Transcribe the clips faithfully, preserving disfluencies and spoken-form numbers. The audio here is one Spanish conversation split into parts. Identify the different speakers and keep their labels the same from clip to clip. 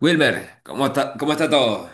Speaker 1: Wilmer, ¿cómo está, cómo está todo?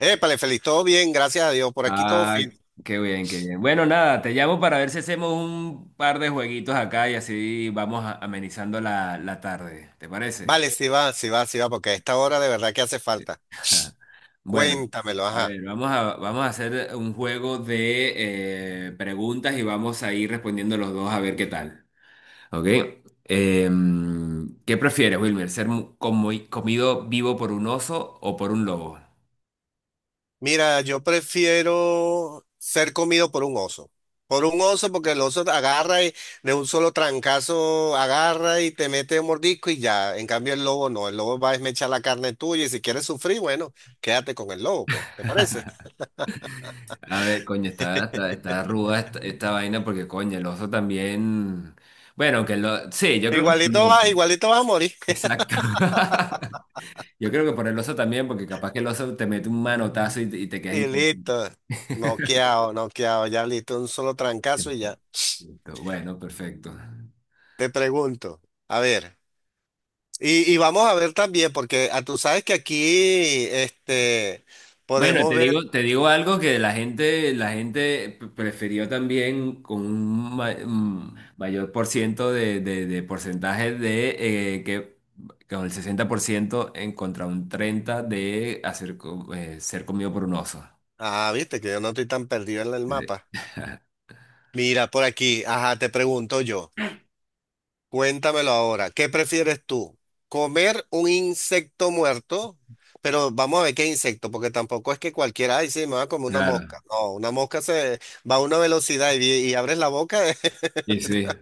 Speaker 2: Épale, feliz, todo bien, gracias a Dios, por aquí todo
Speaker 1: Ah,
Speaker 2: fino.
Speaker 1: qué bien, qué bien. Bueno, nada, te llamo para ver si hacemos un par de jueguitos acá y así vamos a- amenizando la, la tarde. ¿Te parece?
Speaker 2: Vale, sí va, sí va, sí va, porque a esta hora de verdad que hace falta.
Speaker 1: Bueno,
Speaker 2: Cuéntamelo,
Speaker 1: a
Speaker 2: ajá.
Speaker 1: ver, vamos a, vamos a hacer un juego de eh, preguntas y vamos a ir respondiendo los dos a ver qué tal. ¿Ok? Em, ¿qué prefieres, Wilmer? ¿Ser mu- comi- comido vivo por un oso o por un lobo?
Speaker 2: Mira, yo prefiero ser comido por un oso. Por un oso, porque el oso agarra y de un solo trancazo agarra y te mete un mordisco y ya. En cambio, el lobo no, el lobo va a esmechar la carne tuya y si quieres sufrir, bueno, quédate con el lobo, pues, ¿te parece?
Speaker 1: A ver, coño, está, está, está ruda esta, esta vaina porque, coño, el oso también. Bueno, que lo. Sí, yo creo que
Speaker 2: Igualito va,
Speaker 1: también.
Speaker 2: igualito vas a morir.
Speaker 1: Exacto. Yo creo que por el oso también, porque capaz que el oso te mete un manotazo y te, y te quedas
Speaker 2: Y
Speaker 1: inconsciente.
Speaker 2: listo, noqueado, noqueado, ya listo, un solo trancazo y ya.
Speaker 1: Bueno, perfecto.
Speaker 2: Te pregunto, a ver, y, y vamos a ver también, porque ah, tú sabes que aquí este,
Speaker 1: Bueno,
Speaker 2: podemos
Speaker 1: te
Speaker 2: ver,
Speaker 1: digo, te digo algo que la gente, la gente p- prefirió también con un ma- un mayor por ciento de, de, de porcentaje de eh, que con el sesenta por ciento en contra un treinta de hacer, co- eh, ser comido por un oso.
Speaker 2: ah, viste que yo no estoy tan perdido en el
Speaker 1: Sí.
Speaker 2: mapa. Mira, por aquí, ajá, te pregunto yo, cuéntamelo ahora, ¿qué prefieres tú? ¿Comer un insecto muerto? Pero vamos a ver qué insecto, porque tampoco es que cualquiera, ay, sí, me va a comer una mosca.
Speaker 1: Claro,
Speaker 2: No, una mosca se va a una velocidad y, y abres la boca,
Speaker 1: y sí.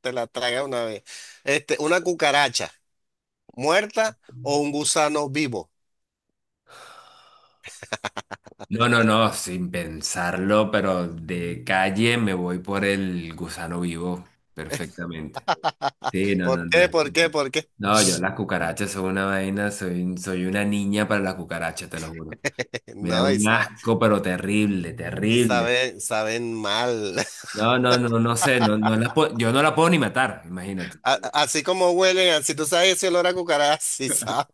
Speaker 2: te la traga una vez. Este, una cucaracha muerta o un gusano vivo.
Speaker 1: No, no, no, sin pensarlo, pero de calle me voy por el gusano vivo perfectamente. Sí, no, no,
Speaker 2: ¿Por
Speaker 1: no.
Speaker 2: qué? ¿Por qué? ¿Por qué?
Speaker 1: No, yo las cucarachas son una vaina, soy, soy una niña para las cucarachas, te lo juro. Me da
Speaker 2: No, y
Speaker 1: un
Speaker 2: saben,
Speaker 1: asco, pero terrible,
Speaker 2: y
Speaker 1: terrible.
Speaker 2: saben, saben mal.
Speaker 1: No, no, no, no sé, no, no las puedo- yo no las puedo ni matar, imagínate.
Speaker 2: A- así como huelen, si tú sabes ese olor a cucaracha, sí sabes.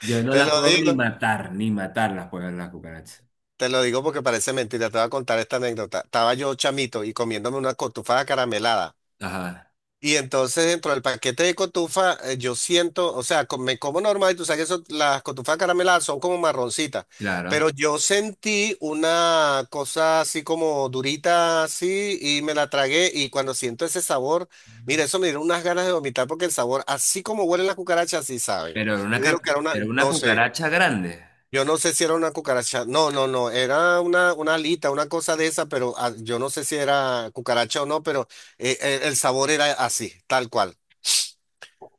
Speaker 1: Yo no
Speaker 2: Te
Speaker 1: las
Speaker 2: lo
Speaker 1: puedo ni
Speaker 2: digo,
Speaker 1: matar, ni matar las puedo las cucarachas.
Speaker 2: te lo digo porque parece mentira. Te voy a contar esta anécdota. Estaba yo chamito y comiéndome una cotufada caramelada.
Speaker 1: Ajá,
Speaker 2: Y entonces dentro del paquete de cotufa, eh, yo siento, o sea, co- me como normal, y tú sabes que eso- las cotufas carameladas son como marroncitas,
Speaker 1: claro.
Speaker 2: pero yo sentí una cosa así como durita, así, y me la tragué, y cuando siento ese sabor, mira, eso me dieron unas ganas de vomitar porque el sabor, así como huelen las cucarachas, así saben.
Speaker 1: Pero era una,
Speaker 2: Yo digo
Speaker 1: ca-
Speaker 2: que era una,
Speaker 1: era una
Speaker 2: no sé,
Speaker 1: cucaracha grande.
Speaker 2: yo no sé si era una cucaracha, no, no, no, era una, una alita, una cosa de esa, pero ah, yo no sé si era cucaracha o no, pero eh, eh, el sabor era así, tal cual.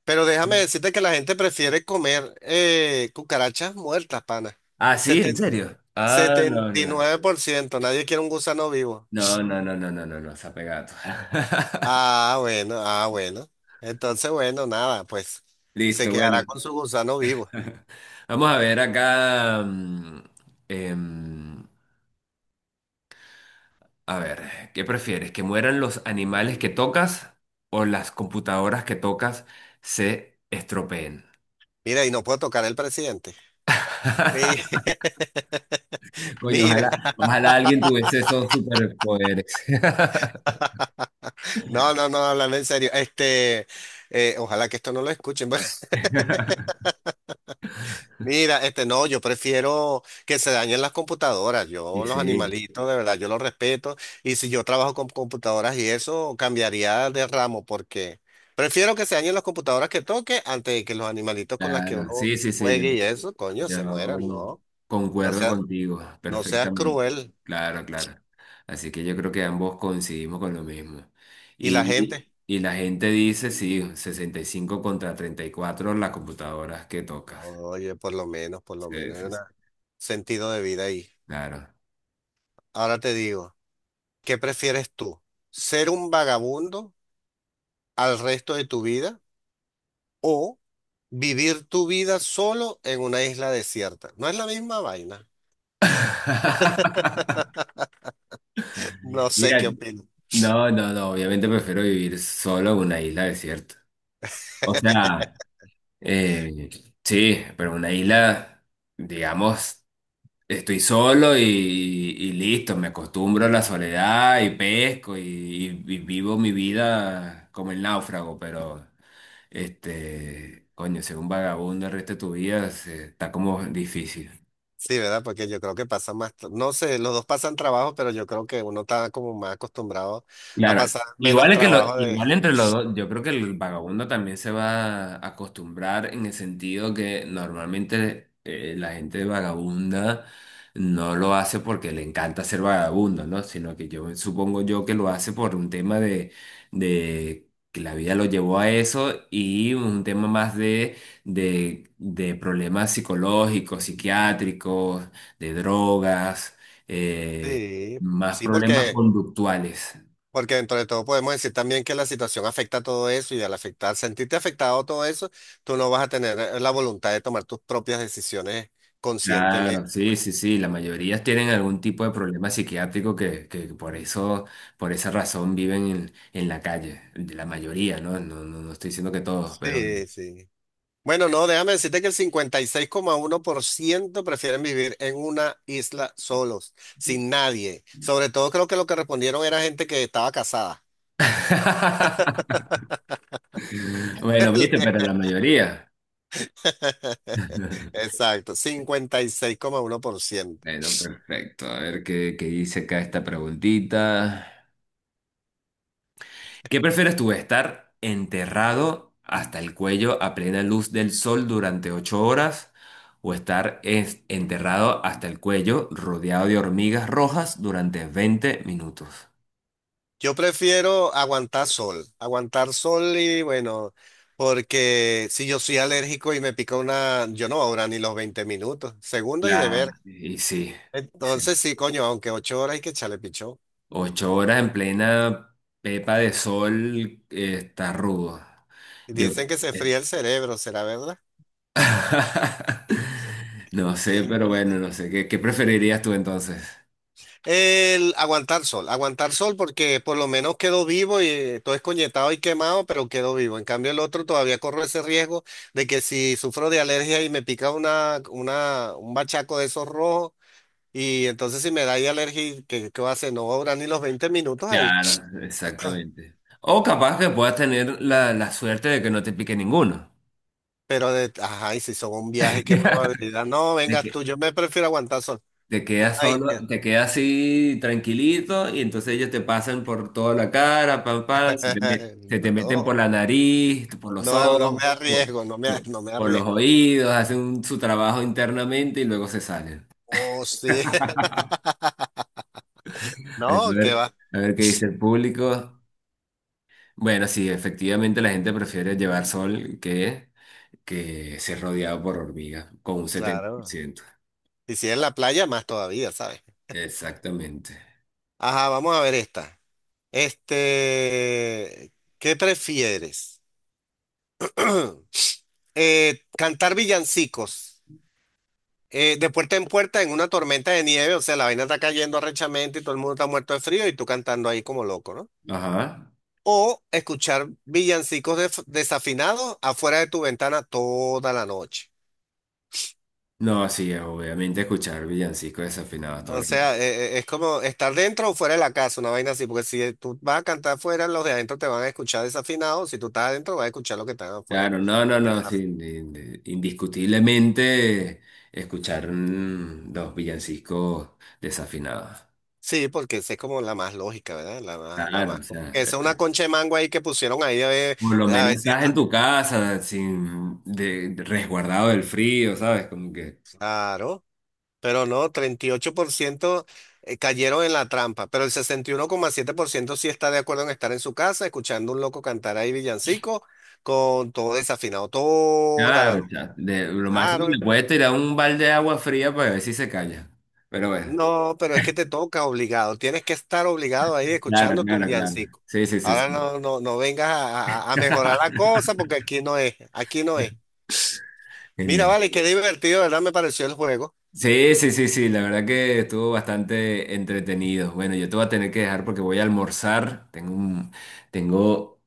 Speaker 2: Pero déjame decirte que la gente prefiere comer eh, cucarachas muertas, pana.
Speaker 1: Ah, sí, en
Speaker 2: Seten-
Speaker 1: serio. Ah, no,
Speaker 2: setenta y
Speaker 1: no.
Speaker 2: nueve por ciento nadie quiere un gusano vivo.
Speaker 1: No, no, no, no, no, no, no, se ha pegado.
Speaker 2: Ah, bueno, ah, bueno. Entonces, bueno, nada, pues se
Speaker 1: Listo, bueno.
Speaker 2: quedará con su gusano vivo.
Speaker 1: Vamos a ver acá. mm, em, a ver, ¿qué prefieres? ¿Que mueran los animales que tocas o las computadoras que tocas se estropeen?
Speaker 2: Mira, y no puedo tocar el presidente. Mi-
Speaker 1: Coño,
Speaker 2: Mira,
Speaker 1: ojalá, ojalá alguien tuviese esos superpoderes.
Speaker 2: no, no, no, hablando en serio. Este, eh, ojalá que esto no lo escuchen. Mira, este no, yo prefiero que se dañen las computadoras. Yo
Speaker 1: Y
Speaker 2: los
Speaker 1: sí,
Speaker 2: animalitos, de verdad, yo los respeto. Y si yo trabajo con computadoras y eso, cambiaría de ramo porque prefiero que se dañen las computadoras que toque antes de que los animalitos con las que
Speaker 1: claro.
Speaker 2: uno
Speaker 1: Sí, sí, sí, yo.
Speaker 2: juegue y eso, coño, se mueran,
Speaker 1: Yo
Speaker 2: ¿no? No
Speaker 1: concuerdo
Speaker 2: sea,
Speaker 1: contigo
Speaker 2: no seas
Speaker 1: perfectamente.
Speaker 2: cruel.
Speaker 1: Claro, claro. Así que yo creo que ambos coincidimos con lo mismo.
Speaker 2: Y la
Speaker 1: Y,
Speaker 2: gente,
Speaker 1: y la gente dice, sí, sesenta y cinco contra treinta y cuatro las computadoras que tocas.
Speaker 2: oye, por lo menos, por lo
Speaker 1: Sí,
Speaker 2: menos hay
Speaker 1: sí,
Speaker 2: un
Speaker 1: sí.
Speaker 2: sentido de vida ahí.
Speaker 1: Claro.
Speaker 2: Ahora te digo, ¿qué prefieres tú? ¿Ser un vagabundo al resto de tu vida? O vivir tu vida solo en una isla desierta. No es la misma vaina. No sé
Speaker 1: Mira,
Speaker 2: qué opino.
Speaker 1: no, no, no, obviamente prefiero vivir solo en una isla desierta. O sea, eh, sí, pero una isla, digamos, estoy solo y, y listo, me acostumbro a la soledad y pesco y, y vivo mi vida como el náufrago, pero este, coño, ser un vagabundo el resto de tu vida se- está como difícil.
Speaker 2: Sí, ¿verdad? Porque yo creo que pasa más, tra- no sé, los dos pasan trabajo, pero yo creo que uno está como más acostumbrado a
Speaker 1: Claro,
Speaker 2: pasar menos
Speaker 1: igual es que lo,
Speaker 2: trabajo
Speaker 1: igual
Speaker 2: de...
Speaker 1: entre los dos, yo creo que el vagabundo también se va a acostumbrar en el sentido que normalmente eh, la gente vagabunda no lo hace porque le encanta ser vagabundo, ¿no? Sino que yo supongo yo que lo hace por un tema de, de que la vida lo llevó a eso y un tema más de, de, de problemas psicológicos, psiquiátricos, de drogas, eh,
Speaker 2: Sí,
Speaker 1: más
Speaker 2: sí,
Speaker 1: problemas
Speaker 2: porque,
Speaker 1: conductuales.
Speaker 2: porque dentro de todo podemos decir también que la situación afecta a todo eso y al afectar, sentirte afectado a todo eso, tú no vas a tener eh, la voluntad de tomar tus propias decisiones
Speaker 1: Claro,
Speaker 2: conscientemente.
Speaker 1: sí, sí, sí, la mayoría tienen algún tipo de problema psiquiátrico que, que por eso, por esa razón viven en, en la calle, la mayoría, ¿no? No, no, no estoy diciendo que todos, pero...
Speaker 2: Sí, sí. Bueno, no, déjame decirte que el cincuenta y seis coma uno por ciento prefieren vivir en una isla solos, sin nadie. Sobre todo creo que lo que respondieron era gente que estaba casada.
Speaker 1: Bueno, viste, pero la mayoría.
Speaker 2: Exacto, cincuenta y seis coma uno por ciento.
Speaker 1: Bueno, perfecto, a ver qué, qué dice acá esta preguntita. ¿Qué prefieres tú, estar enterrado hasta el cuello a plena luz del sol durante ocho horas o estar es- enterrado hasta el cuello rodeado de hormigas rojas durante veinte minutos?
Speaker 2: Yo prefiero aguantar sol, aguantar sol y bueno, porque si yo soy alérgico y me pica una, yo no ahora ni los veinte minutos, segundos y de ver.
Speaker 1: Claro, y sí, y sí.
Speaker 2: Entonces sí, coño, aunque ocho horas hay que echarle pichón.
Speaker 1: Ocho horas en plena pepa de sol eh, está rudo. Yo,
Speaker 2: Dicen que se
Speaker 1: eh,
Speaker 2: fría el cerebro, ¿será verdad?
Speaker 1: no sé,
Speaker 2: ¿Quién
Speaker 1: pero
Speaker 2: quita?
Speaker 1: bueno, no sé. ¿Qué, qué preferirías tú entonces?
Speaker 2: El aguantar sol, aguantar sol porque por lo menos quedó vivo y eh, todo escoñetado y quemado, pero quedó vivo. En cambio el otro todavía corro ese riesgo de que si sufro de alergia y me pica una, una, un bachaco de esos rojos y entonces si me da ahí alergia, ¿qué, qué va a hacer? No va a durar ni los veinte minutos ahí.
Speaker 1: Claro, exactamente. O capaz que puedas tener la, la suerte de que no te pique ninguno.
Speaker 2: Pero, de, ajá, y si son un viaje, ¿qué probabilidad? No,
Speaker 1: De
Speaker 2: vengas
Speaker 1: que
Speaker 2: tú, yo me prefiero aguantar sol.
Speaker 1: te quedas
Speaker 2: Ay,
Speaker 1: solo, te quedas así tranquilito y entonces ellos te pasan por toda la cara, pam, pam, se te, met- se te meten por
Speaker 2: no,
Speaker 1: la nariz, por los
Speaker 2: no, no me
Speaker 1: ojos, por,
Speaker 2: arriesgo, no me,
Speaker 1: por-
Speaker 2: no me
Speaker 1: por los
Speaker 2: arriesgo.
Speaker 1: oídos, hacen un- su trabajo internamente y luego se salen.
Speaker 2: Oh, sí.
Speaker 1: A
Speaker 2: No, que
Speaker 1: ver,
Speaker 2: va,
Speaker 1: a ver qué dice el público. Bueno, sí, efectivamente la gente prefiere llevar sol que... que se rodeado por hormigas, con un setenta por
Speaker 2: claro.
Speaker 1: ciento
Speaker 2: Y si es en la playa, más todavía, ¿sabes?
Speaker 1: Exactamente.
Speaker 2: Ajá, vamos a ver esta. Este, ¿qué prefieres? Eh, cantar villancicos eh, de puerta en puerta en una tormenta de nieve, o sea, la vaina está cayendo arrechamente y todo el mundo está muerto de frío y tú cantando ahí como loco, ¿no?
Speaker 1: Ajá.
Speaker 2: O escuchar villancicos def- desafinados afuera de tu ventana toda la noche.
Speaker 1: No, sí, obviamente escuchar villancicos desafinados todo
Speaker 2: O
Speaker 1: el-
Speaker 2: sea, eh, eh, es como estar dentro o fuera de la casa, una vaina así, porque si tú vas a cantar fuera, los de adentro te van a escuchar desafinados, si tú estás adentro vas a escuchar lo que están afuera.
Speaker 1: claro, no, no, no, sí,
Speaker 2: Desaf-
Speaker 1: ind- indiscutiblemente escuchar mm, los villancicos desafinados.
Speaker 2: Sí, porque esa es como la más lógica, ¿verdad? La más, la
Speaker 1: Claro,
Speaker 2: más.
Speaker 1: o
Speaker 2: Como
Speaker 1: sea,
Speaker 2: que esa es una concha de mango ahí que pusieron ahí a ver,
Speaker 1: por lo
Speaker 2: a
Speaker 1: menos
Speaker 2: ver si
Speaker 1: estás en
Speaker 2: esto-
Speaker 1: tu casa, sin de, de- resguardado del frío, ¿sabes? Como que,
Speaker 2: Claro, pero no, treinta y ocho por ciento eh, cayeron en la trampa, pero el sesenta y uno coma siete por ciento sí está de acuerdo en estar en su casa, escuchando un loco cantar ahí villancico, con todo desafinado, toda la
Speaker 1: claro,
Speaker 2: noche.
Speaker 1: ya, de, lo máximo
Speaker 2: Claro.
Speaker 1: le puedes tirar un balde de agua fría para ver si se calla. Pero bueno.
Speaker 2: No, pero es que te toca obligado. Tienes que estar obligado ahí
Speaker 1: Claro,
Speaker 2: escuchando tu
Speaker 1: claro, claro.
Speaker 2: villancico.
Speaker 1: Sí, sí, sí,
Speaker 2: Ahora
Speaker 1: sí.
Speaker 2: no, no, no vengas a, a- a mejorar la cosa porque aquí no es, aquí no es. Mira,
Speaker 1: Genial.
Speaker 2: vale, qué divertido, ¿verdad? Me pareció el juego.
Speaker 1: Sí, sí, sí, sí, la verdad que estuvo bastante entretenido. Bueno, yo te voy a tener que dejar porque voy a almorzar. Tengo un- tengo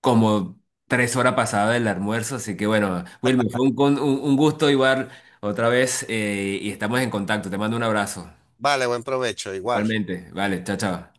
Speaker 1: como tres horas pasadas del almuerzo, así que bueno, Wilmer, fue un, con- un- un gusto igual otra vez eh, y estamos en contacto. Te mando un abrazo.
Speaker 2: Vale, buen provecho, igual.
Speaker 1: Igualmente. Vale, chao, chao.